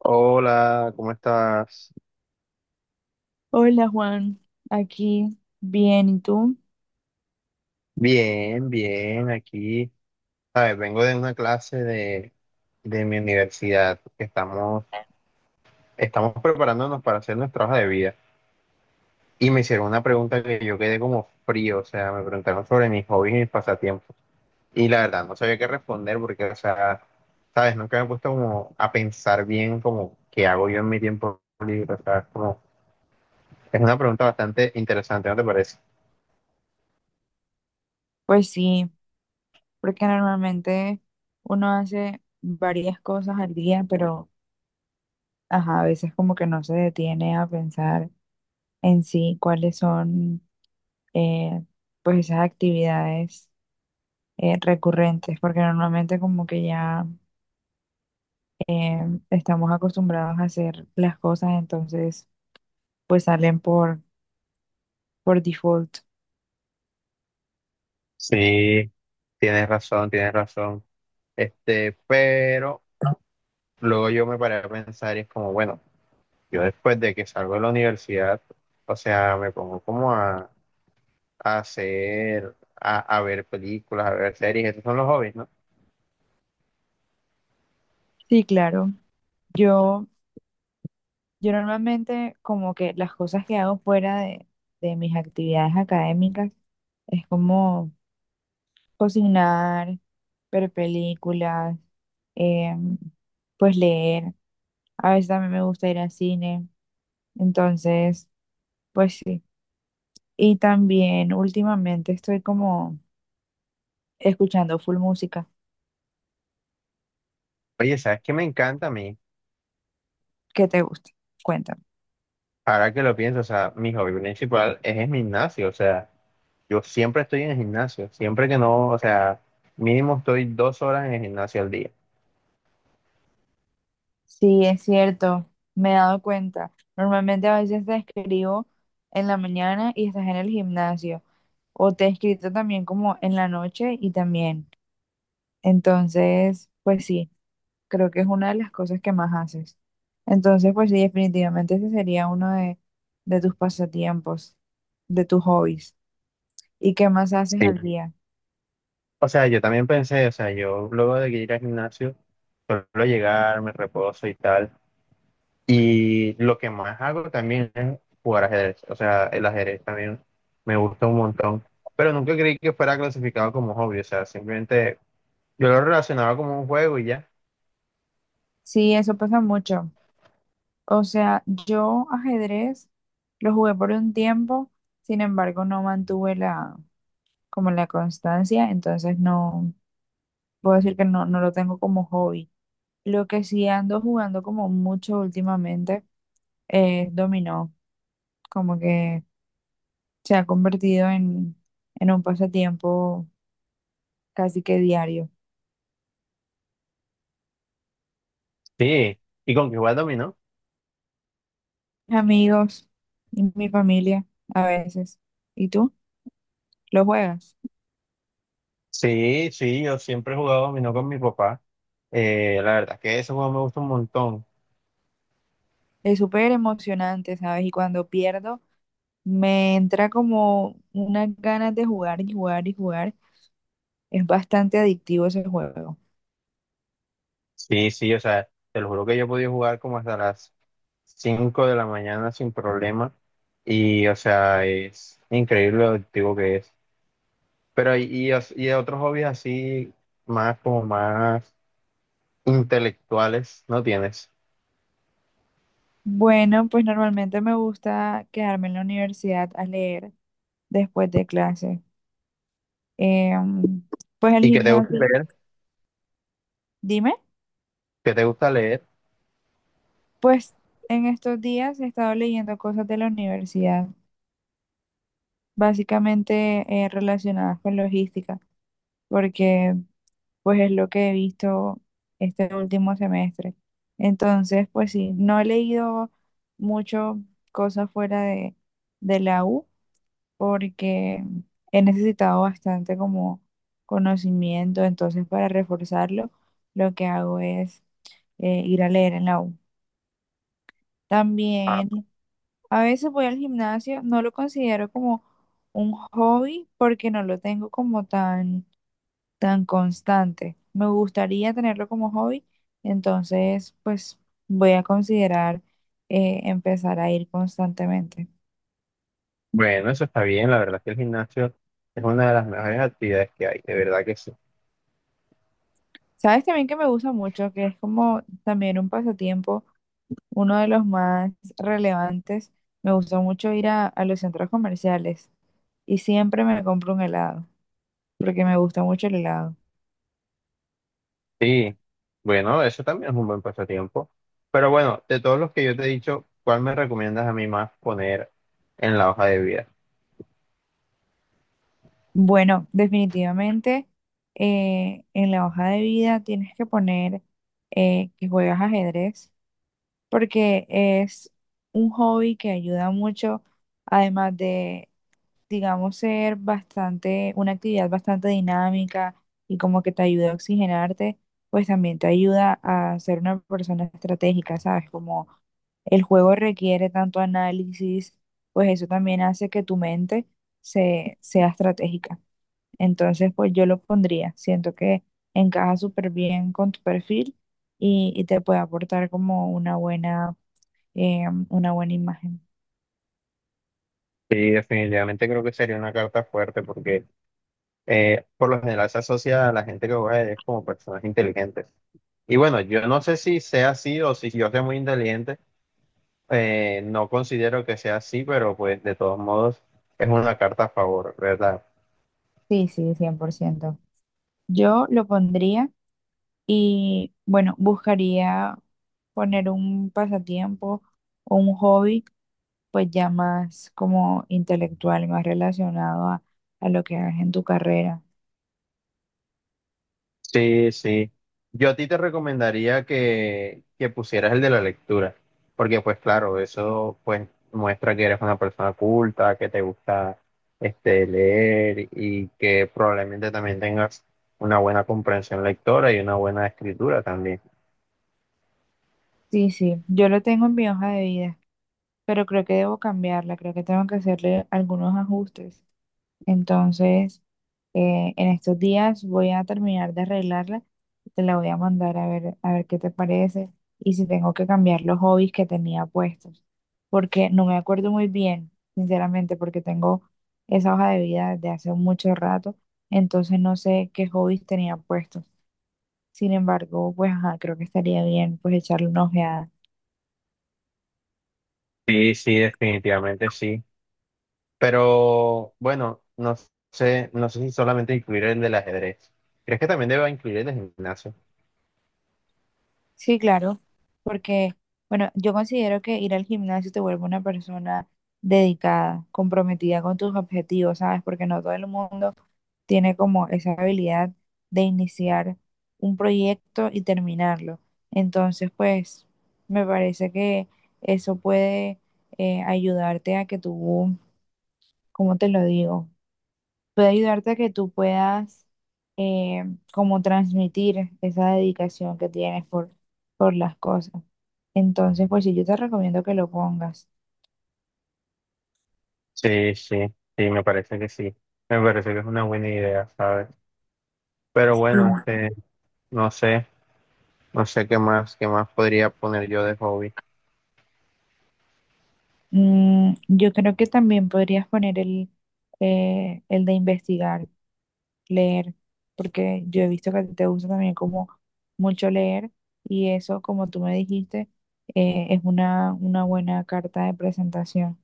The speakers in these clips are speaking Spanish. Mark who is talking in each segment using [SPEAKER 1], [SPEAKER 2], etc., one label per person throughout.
[SPEAKER 1] Hola, ¿cómo estás?
[SPEAKER 2] Hola Juan, aquí bien, ¿y tú?
[SPEAKER 1] Bien, bien, aquí. Sabes, vengo de una clase de mi universidad que estamos preparándonos para hacer nuestra hoja de vida. Y me hicieron una pregunta que yo quedé como frío, o sea, me preguntaron sobre mis hobbies y mis pasatiempos. Y la verdad, no sabía qué responder porque, o sea, sabes, nunca me he puesto como a pensar bien como qué hago yo en mi tiempo libre, o sea, es como, es una pregunta bastante interesante, ¿no te parece?
[SPEAKER 2] Pues sí, porque normalmente uno hace varias cosas al día, pero ajá, a veces como que no se detiene a pensar en sí cuáles son eh, pues esas actividades recurrentes, porque normalmente como que ya eh, estamos acostumbrados a hacer las cosas, entonces pues salen por default.
[SPEAKER 1] Sí, tienes razón, tienes razón. Este, pero luego yo me paré a pensar y es como, bueno, yo después de que salgo de la universidad, o sea, me pongo como a hacer, a ver películas, a ver series, estos son los hobbies, ¿no?
[SPEAKER 2] Sí, claro. Yo Yo normalmente como que las cosas que hago fuera de mis actividades académicas es como cocinar, ver películas, em, pues leer. A veces también me gusta ir al cine. Entonces, pues sí. Y también últimamente estoy como escuchando full música.
[SPEAKER 1] Oye, ¿sabes qué me encanta a mí?
[SPEAKER 2] ¿Qué te gusta? Cuéntame.
[SPEAKER 1] Ahora que lo pienso, o sea, mi hobby principal es el gimnasio, o sea, yo siempre estoy en el gimnasio, siempre que no, o sea, mínimo estoy 2 horas en el gimnasio al día.
[SPEAKER 2] Sí, es cierto, me he dado cuenta. Normalmente a veces te escribo en la mañana y estás en el gimnasio, o te he escrito también como en la noche y también. Entonces, pues sí, creo que es una de las cosas que más haces. Entonces, pues sí, definitivamente ese sería uno de tus pasatiempos, de tus hobbies. ¿Y qué más haces al día?
[SPEAKER 1] O sea, yo también pensé, o sea, yo luego de ir al gimnasio, suelo llegar, me reposo y tal. Y lo que más hago también es jugar ajedrez. O sea, el ajedrez también me gusta un montón. Pero nunca creí que fuera clasificado como hobby. O sea, simplemente yo lo relacionaba como un juego y ya.
[SPEAKER 2] Sí, eso pasa mucho. O sea, yo ajedrez lo jugué por un tiempo, sin embargo, no mantuve como la constancia, entonces no puedo decir que no, no lo tengo como hobby. Lo que sí ando jugando como mucho últimamente es dominó, como que se ha convertido en un pasatiempo casi que diario.
[SPEAKER 1] Sí. ¿Y con qué jugar dominó?
[SPEAKER 2] Amigos y mi familia a veces. ¿Y tú? ¿Lo juegas?
[SPEAKER 1] Sí, sí, yo siempre he jugado dominó con mi papá. La verdad es que ese juego me gusta un montón.
[SPEAKER 2] Es súper emocionante, ¿sabes? Y cuando pierdo, me entra como unas ganas de jugar y jugar y jugar. Es bastante adictivo ese juego.
[SPEAKER 1] Sí, sí, o sea, te lo juro que yo he podido jugar como hasta las 5 de la mañana sin problema y, o sea, es increíble lo adictivo que es. Pero y otros hobbies así, más como más intelectuales, ¿no tienes?
[SPEAKER 2] Bueno, pues normalmente me gusta quedarme en la universidad a leer después de clase. Em, pues el
[SPEAKER 1] ¿Y que te gusta
[SPEAKER 2] gimnasio,
[SPEAKER 1] leer?
[SPEAKER 2] dime,
[SPEAKER 1] ¿Que te gusta leer?
[SPEAKER 2] pues en estos días he estado leyendo cosas de la universidad, básicamente relacionadas con logística, porque pues es lo que he visto este último semestre. Entonces, pues sí, no he leído mucho cosas fuera de la U porque he necesitado bastante como conocimiento, entonces para reforzarlo, lo que hago es ir a leer en la U.
[SPEAKER 1] Ah,
[SPEAKER 2] También a veces voy al gimnasio, no lo considero como un hobby porque no lo tengo como tan tan constante. Me gustaría tenerlo como hobby, entonces pues voy a considerar empezar a ir constantemente.
[SPEAKER 1] bueno, eso está bien, la verdad es que el gimnasio es una de las mejores actividades que hay, de verdad que sí.
[SPEAKER 2] Sabes también que me gusta mucho, que es como también un pasatiempo, uno de los más relevantes. Me gusta mucho ir a los centros comerciales y siempre me compro un helado, porque me gusta mucho el helado.
[SPEAKER 1] Sí, bueno, eso también es un buen pasatiempo. Pero bueno, de todos los que yo te he dicho, ¿cuál me recomiendas a mí más poner en la hoja de vida?
[SPEAKER 2] Bueno, definitivamente en la hoja de vida tienes que poner que juegas ajedrez porque es un hobby que ayuda mucho, además de, digamos, ser bastante, una actividad bastante dinámica y como que te ayuda a oxigenarte, pues también te ayuda a ser una persona estratégica, ¿sabes? Como el juego requiere tanto análisis, pues eso también hace que tu mente sea estratégica. Entonces, pues yo lo pondría, siento que encaja súper bien con tu perfil y te puede aportar como una buena imagen.
[SPEAKER 1] Sí, definitivamente creo que sería una carta fuerte porque por lo general se asocia a la gente que juega ajedrez como personas inteligentes. Y bueno, yo no sé si sea así o si yo sea muy inteligente, no considero que sea así, pero pues de todos modos es una carta a favor, ¿verdad?
[SPEAKER 2] Sí, sí, cien por ciento. Yo lo pondría y, bueno, buscaría poner un pasatiempo o un hobby, pues ya más como intelectual, más relacionado a lo que hagas en tu carrera.
[SPEAKER 1] Sí, sí. Yo a ti te recomendaría que pusieras el de la lectura, porque pues claro, eso pues muestra que eres una persona culta, que te gusta este, leer y que probablemente también tengas una buena comprensión lectora y una buena escritura también.
[SPEAKER 2] Sí, sí, yo lo tengo en mi hoja de vida, pero creo que debo cambiarla, creo que tengo que hacerle algunos ajustes. Entonces, en estos días voy a terminar de arreglarla. Te la voy a mandar a ver qué te parece y si tengo que cambiar los hobbies que tenía puestos. Porque no me acuerdo muy bien, sinceramente, porque tengo esa hoja de vida desde hace mucho rato. Entonces no sé qué hobbies tenía puestos. Sin embargo, pues ajá, creo que estaría bien pues echarle una ojeada.
[SPEAKER 1] Sí, sí, definitivamente sí. Pero bueno, no sé, no sé si solamente incluir el del ajedrez. ¿Crees que también deba incluir el de gimnasio?
[SPEAKER 2] Sí, claro, porque, bueno, yo considero que ir al gimnasio te vuelve una persona dedicada, comprometida con tus objetivos, ¿sabes? Porque no todo el mundo tiene como esa habilidad de iniciar un proyecto y terminarlo. Entonces, pues, me parece que eso puede ayudarte a que tú, ¿cómo te lo digo? Puede ayudarte a que tú puedas eh, como transmitir esa dedicación que tienes por las cosas. Entonces, pues sí, yo te recomiendo que lo pongas.
[SPEAKER 1] Sí, sí, sí, me parece que sí. Me parece que es una buena idea, ¿sabes? Pero bueno, este, no sé, no sé qué más podría poner yo de hobby.
[SPEAKER 2] Yo creo que también podrías poner el de investigar, leer, porque yo he visto que te gusta también como mucho leer y eso, como tú me dijiste, es una buena carta de presentación.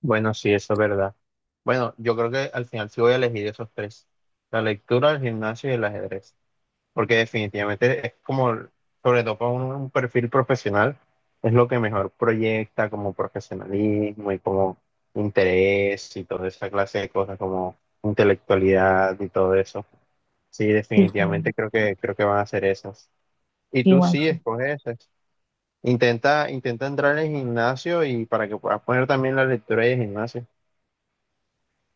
[SPEAKER 1] Bueno, sí, eso es verdad. Bueno, yo creo que al final sí voy a elegir esos tres. La lectura, el gimnasio y el ajedrez. Porque definitivamente es como, sobre todo para un perfil profesional, es lo que mejor proyecta como profesionalismo y como interés y toda esa clase de cosas como intelectualidad y todo eso. Sí,
[SPEAKER 2] Sí,
[SPEAKER 1] definitivamente creo que van a ser esas. Y
[SPEAKER 2] sí,
[SPEAKER 1] tú
[SPEAKER 2] igual.
[SPEAKER 1] sí, escoge esas. Intenta, intenta entrar en el gimnasio y para que puedas poner también la lectura de gimnasio.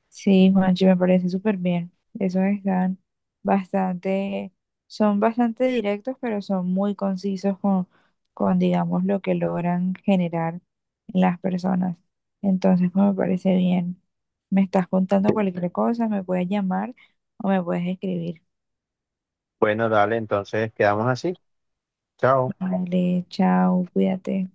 [SPEAKER 2] Sí, Juanchi, me parece súper bien. Esos están bastante, son bastante directos, pero son muy concisos con, digamos, lo que logran generar en las personas. Entonces, pues, me parece bien. Me estás contando cualquier cosa, me puedes llamar o me puedes escribir.
[SPEAKER 1] Bueno, dale, entonces quedamos así. Chao.
[SPEAKER 2] Vale, chao, cuídate.